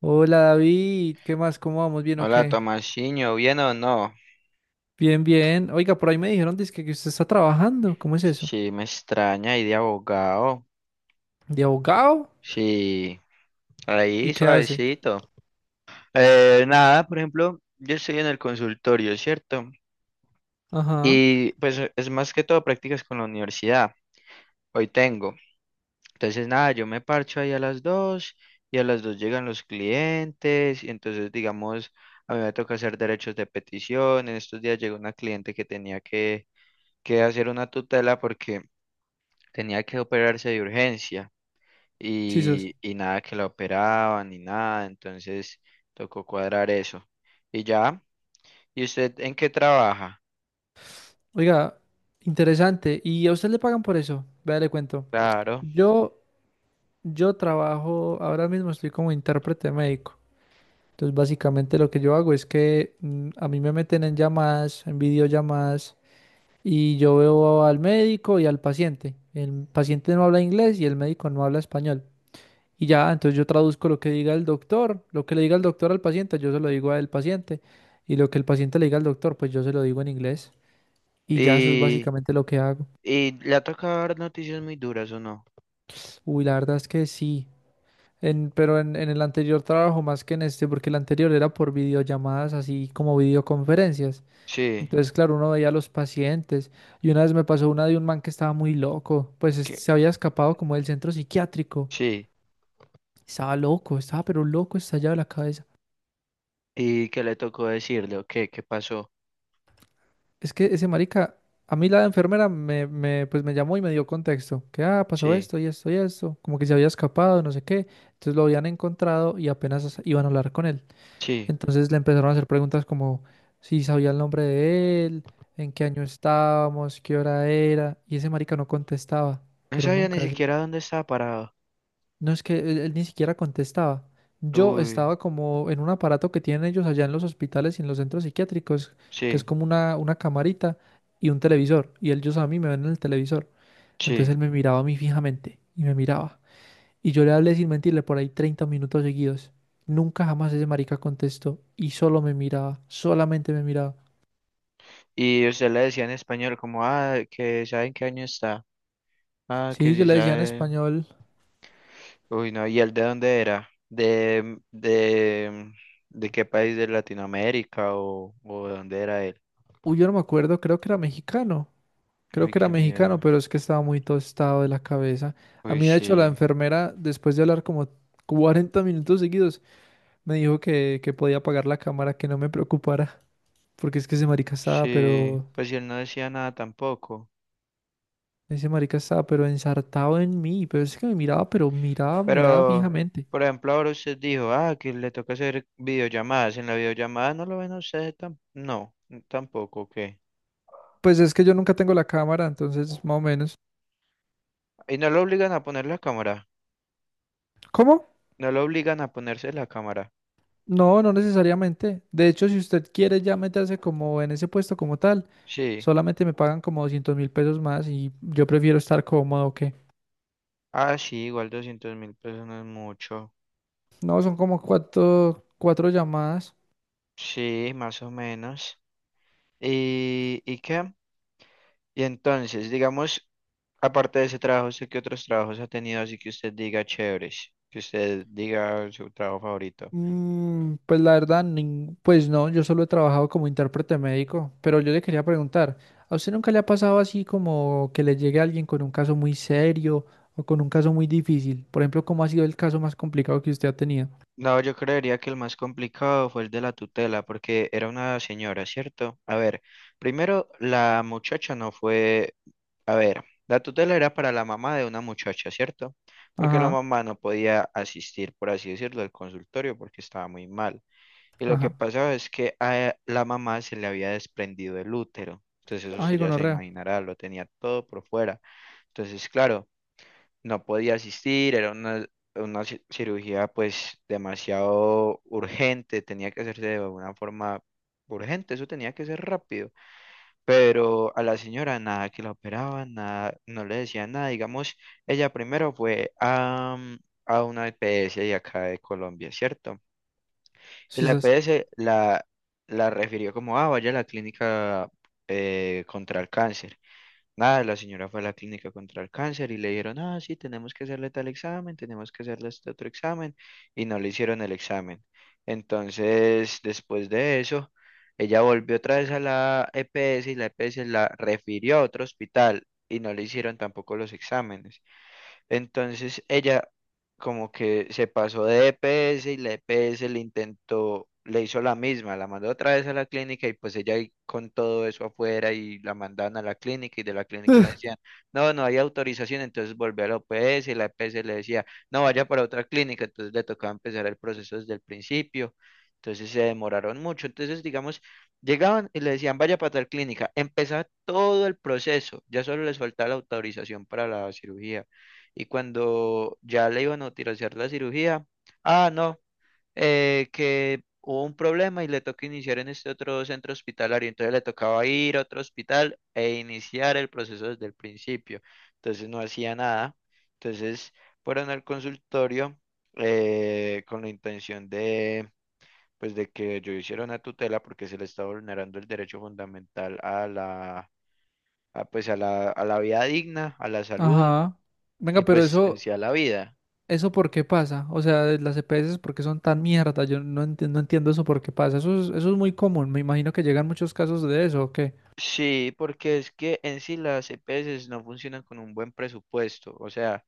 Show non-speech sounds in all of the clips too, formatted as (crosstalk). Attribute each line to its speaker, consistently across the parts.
Speaker 1: Hola, David, ¿qué más? ¿Cómo vamos? ¿Bien o
Speaker 2: Hola,
Speaker 1: qué?
Speaker 2: Tomasiño, ¿bien o no?
Speaker 1: Bien, bien. Oiga, por ahí me dijeron dizque que usted está trabajando. ¿Cómo es eso?
Speaker 2: Si me extraña ahí de abogado.
Speaker 1: ¿De abogado?
Speaker 2: Sí,
Speaker 1: ¿Y
Speaker 2: ahí
Speaker 1: qué hace?
Speaker 2: suavecito. Nada, por ejemplo, yo estoy en el consultorio, ¿cierto?
Speaker 1: Ajá,
Speaker 2: Y pues es más que todo prácticas con la universidad. Hoy tengo. Entonces, nada, yo me parcho ahí a las dos y a las dos llegan los clientes. Y entonces, digamos, a mí me toca hacer derechos de petición. En estos días llegó una cliente que hacer una tutela porque tenía que operarse de urgencia.
Speaker 1: sisas.
Speaker 2: Y nada que la operaban ni nada, entonces tocó cuadrar eso. Y ya, ¿y usted en qué trabaja?
Speaker 1: Oiga, interesante. ¿Y a usted le pagan por eso? Vea, le cuento.
Speaker 2: Claro.
Speaker 1: Yo, yo trabajo, ahora mismo estoy como intérprete médico. Entonces, básicamente lo que yo hago es que a mí me meten en llamadas, en videollamadas, y yo veo al médico y al paciente. El paciente no habla inglés y el médico no habla español. Y ya, entonces yo traduzco lo que diga el doctor, lo que le diga el doctor al paciente, yo se lo digo al paciente. Y lo que el paciente le diga al doctor, pues yo se lo digo en inglés. Y ya eso es
Speaker 2: Y,
Speaker 1: básicamente lo que hago.
Speaker 2: ¿Y le ha tocado dar noticias muy duras o no?
Speaker 1: Uy, la verdad es que sí. Pero en el anterior trabajo más que en este, porque el anterior era por videollamadas, así como videoconferencias.
Speaker 2: Sí,
Speaker 1: Entonces, claro, uno veía a los pacientes. Y una vez me pasó una de un man que estaba muy loco, pues
Speaker 2: que,
Speaker 1: se había escapado como del centro psiquiátrico.
Speaker 2: sí.
Speaker 1: Estaba loco, estaba pero loco, estallado de la cabeza.
Speaker 2: ¿Y qué le tocó decirle? ¿O qué? ¿Qué pasó?
Speaker 1: Es que ese marica, a mí la enfermera pues me llamó y me dio contexto, que ah, pasó
Speaker 2: Sí,
Speaker 1: esto y esto y esto, como que se había escapado, no sé qué, entonces lo habían encontrado y apenas iban a hablar con él.
Speaker 2: sí.
Speaker 1: Entonces le empezaron a hacer preguntas como si sabía el nombre de él, en qué año estábamos, qué hora era, y ese marica no contestaba,
Speaker 2: No
Speaker 1: pero
Speaker 2: sabía ni
Speaker 1: nunca.
Speaker 2: siquiera dónde estaba parado.
Speaker 1: No es que él ni siquiera contestaba. Yo
Speaker 2: Uy,
Speaker 1: estaba como en un aparato que tienen ellos allá en los hospitales y en los centros psiquiátricos, que es
Speaker 2: sí,
Speaker 1: como una camarita y un televisor. Y ellos a mí me ven en el televisor. Entonces
Speaker 2: sí.
Speaker 1: él me miraba a mí fijamente y me miraba. Y yo le hablé sin mentirle por ahí 30 minutos seguidos. Nunca jamás ese marica contestó y solo me miraba, solamente me miraba.
Speaker 2: Y usted le decía en español como, ah, que saben qué año está. Ah, que
Speaker 1: Sí, yo
Speaker 2: sí
Speaker 1: le decía en
Speaker 2: sabe.
Speaker 1: español,
Speaker 2: Uy, no, ¿y él de dónde era? ¿De de qué país de Latinoamérica o de dónde era él?
Speaker 1: uy, yo no me acuerdo, creo que era mexicano. Creo
Speaker 2: Uy,
Speaker 1: que era
Speaker 2: qué
Speaker 1: mexicano,
Speaker 2: miedo.
Speaker 1: pero es que estaba muy tostado de la cabeza. A
Speaker 2: Uy,
Speaker 1: mí, de hecho, la
Speaker 2: sí,
Speaker 1: enfermera, después de hablar como 40 minutos seguidos, me dijo que podía apagar la cámara, que no me preocupara, porque es que ese marica estaba,
Speaker 2: sí,
Speaker 1: pero...
Speaker 2: pues y él no decía nada tampoco.
Speaker 1: Ese marica estaba, pero ensartado en mí, pero es que me miraba, pero miraba, miraba
Speaker 2: Pero,
Speaker 1: fijamente.
Speaker 2: por ejemplo, ahora usted dijo, ah, que le toca hacer videollamadas. En la videollamada no lo ven a usted, tampoco, ¿qué?
Speaker 1: Pues es que yo nunca tengo la cámara, entonces más o menos.
Speaker 2: Y no lo obligan a poner la cámara,
Speaker 1: ¿Cómo?
Speaker 2: no lo obligan a ponerse la cámara.
Speaker 1: No, no necesariamente. De hecho, si usted quiere ya meterse como en ese puesto como tal,
Speaker 2: Sí,
Speaker 1: solamente me pagan como 200.000 pesos más y yo prefiero estar cómodo que...
Speaker 2: ah, sí, igual $200.000 no es mucho.
Speaker 1: No, son como cuatro llamadas.
Speaker 2: Sí, más o menos. ¿Y qué? Y entonces, digamos, aparte de ese trabajo, ¿usted qué otros trabajos ha tenido así que usted diga chéveres? Que usted diga su trabajo favorito.
Speaker 1: Pues la verdad, pues no, yo solo he trabajado como intérprete médico, pero yo le quería preguntar, ¿a usted nunca le ha pasado así como que le llegue alguien con un caso muy serio o con un caso muy difícil? Por ejemplo, ¿cómo ha sido el caso más complicado que usted ha tenido?
Speaker 2: No, yo creería que el más complicado fue el de la tutela, porque era una señora, ¿cierto? A ver, primero, la muchacha no fue, a ver, la tutela era para la mamá de una muchacha, ¿cierto? Porque la
Speaker 1: Ajá,
Speaker 2: mamá no podía asistir, por así decirlo, al consultorio porque estaba muy mal. Y lo que
Speaker 1: ajá.
Speaker 2: pasaba es que a la mamá se le había desprendido el útero. Entonces eso
Speaker 1: Ay,
Speaker 2: usted ya se
Speaker 1: gonorrea.
Speaker 2: imaginará, lo tenía todo por fuera. Entonces, claro, no podía asistir, era una cirugía pues demasiado urgente, tenía que hacerse de una forma urgente, eso tenía que ser rápido. Pero a la señora nada que la operaban, nada, no le decían nada. Digamos, ella primero fue a una EPS de acá de Colombia, ¿cierto?
Speaker 1: Sí,
Speaker 2: Y la
Speaker 1: sas.
Speaker 2: EPS la, la refirió como, ah, vaya a la clínica contra el cáncer. Nada, la señora fue a la clínica contra el cáncer y le dijeron, ah, sí, tenemos que hacerle tal examen, tenemos que hacerle este otro examen, y no le hicieron el examen. Entonces, después de eso, ella volvió otra vez a la EPS y la EPS la refirió a otro hospital y no le hicieron tampoco los exámenes. Entonces ella como que se pasó de E P S y la E P S le intentó, le hizo la misma, la mandó otra vez a la clínica y pues ella ahí con todo eso afuera y la mandaban a la clínica y de la clínica le decían,
Speaker 1: (laughs)
Speaker 2: no, no hay autorización, entonces volvió a la O P S y la E P S le decía, no, vaya para otra clínica, entonces le tocaba empezar el proceso desde el principio. Entonces se demoraron mucho. Entonces, digamos, llegaban y le decían, vaya para tal clínica. Empezaba todo el proceso. Ya solo les faltaba la autorización para la cirugía. Y cuando ya le iban a utilizar la cirugía, ah, no, que hubo un problema y le tocó iniciar en este otro centro hospitalario. Entonces le tocaba ir a otro hospital e iniciar el proceso desde el principio. Entonces no hacía nada. Entonces fueron al consultorio con la intención de, pues, de que yo hiciera una tutela porque se le está vulnerando el derecho fundamental a, pues, a la vida digna, a la salud
Speaker 1: Ajá.
Speaker 2: y
Speaker 1: Venga, pero
Speaker 2: pues en
Speaker 1: eso,
Speaker 2: sí a la vida.
Speaker 1: ¿eso por qué pasa? O sea, de las EPS, ¿por qué son tan mierda? Yo no entiendo, no entiendo eso por qué pasa. Eso es muy común. Me imagino que llegan muchos casos de eso, ¿o qué?
Speaker 2: Sí, porque es que en sí las EPS no funcionan con un buen presupuesto. O sea,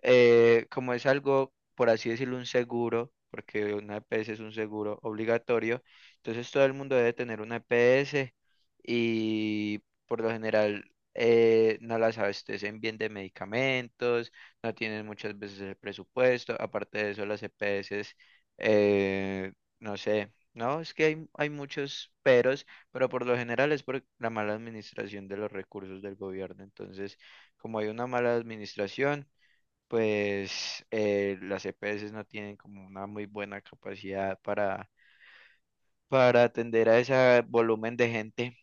Speaker 2: como es algo, por así decirlo, un seguro, porque una EPS es un seguro obligatorio, entonces todo el mundo debe tener una EPS y por lo general no las abastecen bien de medicamentos, no tienen muchas veces el presupuesto, aparte de eso las EPS, eh, no sé. No, es que hay muchos peros, pero por lo general es por la mala administración de los recursos del gobierno. Entonces, como hay una mala administración, pues las EPS no tienen como una muy buena capacidad para atender a ese volumen de gente.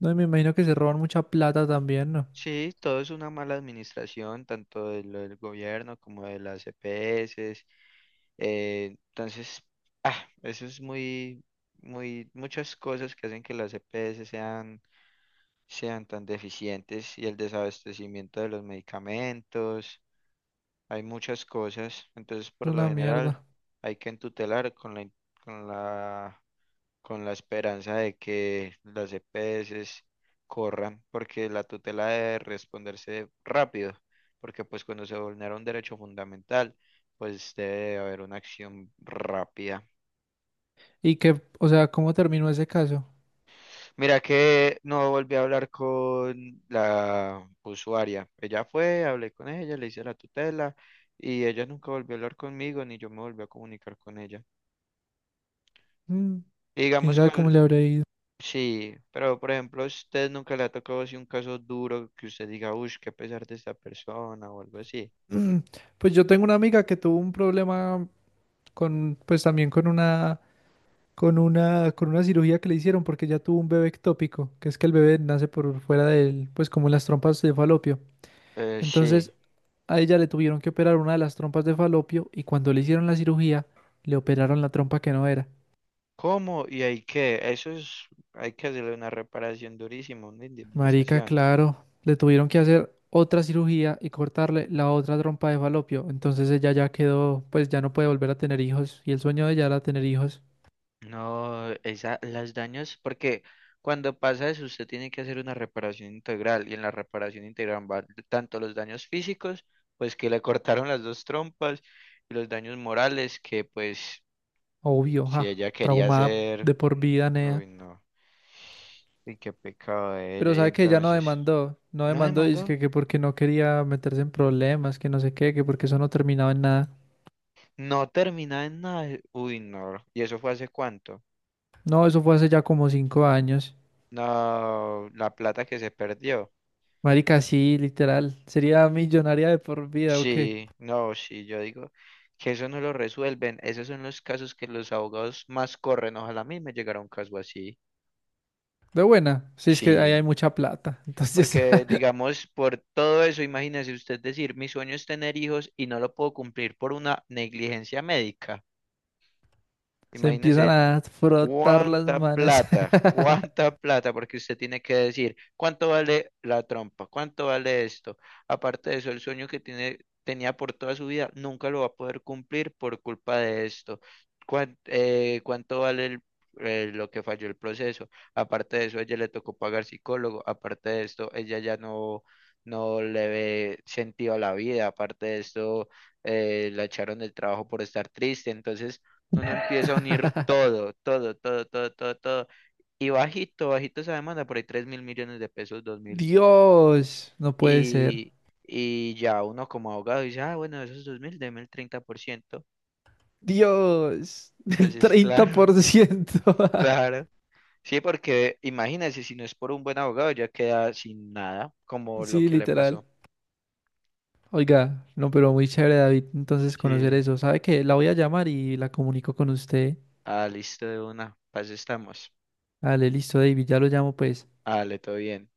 Speaker 1: No, y me imagino que se roban mucha plata también, ¿no?
Speaker 2: Sí, todo es una mala administración, tanto de lo del gobierno como de las EPS. Entonces, ah, eso es muy, muchas cosas que hacen que las EPS sean tan deficientes y el desabastecimiento de los medicamentos. Hay muchas cosas, entonces
Speaker 1: Es
Speaker 2: por lo
Speaker 1: una
Speaker 2: general
Speaker 1: mierda.
Speaker 2: hay que entutelar con la, con la esperanza de que las EPS corran, porque la tutela debe responderse rápido, porque pues cuando se vulnera un derecho fundamental, pues debe haber una acción rápida.
Speaker 1: Y que, o sea, ¿cómo terminó ese caso?
Speaker 2: Mira que no volví a hablar con la usuaria, ella fue, hablé con ella, le hice la tutela y ella nunca volvió a hablar conmigo, ni yo me volví a comunicar con ella.
Speaker 1: Mm,
Speaker 2: Y
Speaker 1: quién
Speaker 2: digamos
Speaker 1: sabe cómo
Speaker 2: cuál,
Speaker 1: le habrá ido.
Speaker 2: sí, pero por ejemplo, si a usted nunca le ha tocado así un caso duro que usted diga, uff, qué pesar de esta persona o algo así.
Speaker 1: Mm, pues yo tengo una amiga que tuvo un problema con, pues también con una, con una, con una cirugía que le hicieron porque ella tuvo un bebé ectópico, que es que el bebé nace por fuera del, pues como las trompas de falopio.
Speaker 2: Sí.
Speaker 1: Entonces a ella le tuvieron que operar una de las trompas de falopio y cuando le hicieron la cirugía, le operaron la trompa que no era.
Speaker 2: ¿Cómo? ¿Y hay que? Eso es, hay que hacerle una reparación durísima, una
Speaker 1: Marica,
Speaker 2: indemnización.
Speaker 1: claro, le tuvieron que hacer otra cirugía y cortarle la otra trompa de falopio. Entonces ella ya quedó, pues ya no puede volver a tener hijos y el sueño de ella era tener hijos.
Speaker 2: No, esa, las daños, porque cuando pasa eso, usted tiene que hacer una reparación integral, y en la reparación integral van tanto los daños físicos, pues que le cortaron las dos trompas, y los daños morales, que pues
Speaker 1: Obvio,
Speaker 2: si
Speaker 1: ja,
Speaker 2: ella quería
Speaker 1: traumada
Speaker 2: hacer
Speaker 1: de por vida, Nea.
Speaker 2: Uy, no. Y qué pecado de
Speaker 1: Pero
Speaker 2: ella. Y
Speaker 1: sabe que ella no
Speaker 2: entonces,
Speaker 1: demandó, no
Speaker 2: ¿no
Speaker 1: demandó, dice
Speaker 2: demandó?
Speaker 1: que porque no quería meterse en problemas, que no sé qué, que porque eso no terminaba en nada.
Speaker 2: No terminaba en nada. Uy, no. ¿Y eso fue hace cuánto?
Speaker 1: No, eso fue hace ya como 5 años.
Speaker 2: No, la plata que se perdió.
Speaker 1: Marica, sí, literal. Sería millonaria de por vida, ¿o qué?
Speaker 2: Sí, no, sí, yo digo que eso no lo resuelven. Esos son los casos que los abogados más corren. Ojalá a mí me llegara un caso así.
Speaker 1: De buena. Sí, es que ahí hay
Speaker 2: Sí,
Speaker 1: mucha plata. Entonces
Speaker 2: porque digamos, por todo eso, imagínese usted decir, mi sueño es tener hijos y no lo puedo cumplir por una negligencia médica.
Speaker 1: (laughs) se empiezan
Speaker 2: Imagínese
Speaker 1: a frotar las
Speaker 2: ¿cuánta
Speaker 1: manos.
Speaker 2: plata?
Speaker 1: (laughs)
Speaker 2: ¿Cuánta plata? Porque usted tiene que decir, ¿cuánto vale la trompa? ¿Cuánto vale esto? Aparte de eso, el sueño que tiene, tenía por toda su vida nunca lo va a poder cumplir por culpa de esto. ¿Cuánto vale lo que falló el proceso? Aparte de eso, a ella le tocó pagar psicólogo. Aparte de esto, ella ya no le ve sentido a la vida. Aparte de esto, la echaron del trabajo por estar triste. Entonces uno empieza a unir todo. Y bajito, bajito esa demanda, por ahí $3.000.000.000, 2.000.
Speaker 1: Dios, no puede ser.
Speaker 2: Y, y ya uno como abogado dice, ah, bueno, esos 2.000, deme el 30%.
Speaker 1: Dios, del
Speaker 2: Entonces,
Speaker 1: treinta
Speaker 2: claro,
Speaker 1: por ciento
Speaker 2: (laughs) claro. Sí, porque imagínense, si no es por un buen abogado, ya queda sin nada,
Speaker 1: (laughs)
Speaker 2: como lo
Speaker 1: Sí,
Speaker 2: que le
Speaker 1: literal.
Speaker 2: pasó.
Speaker 1: Oiga, no, pero muy chévere, David. Entonces conocer
Speaker 2: Sí.
Speaker 1: eso. ¿Sabe qué? La voy a llamar y la comunico con usted.
Speaker 2: Ah, listo de una. Paz estamos.
Speaker 1: Dale, listo, David. Ya lo llamo, pues.
Speaker 2: Dale, todo bien.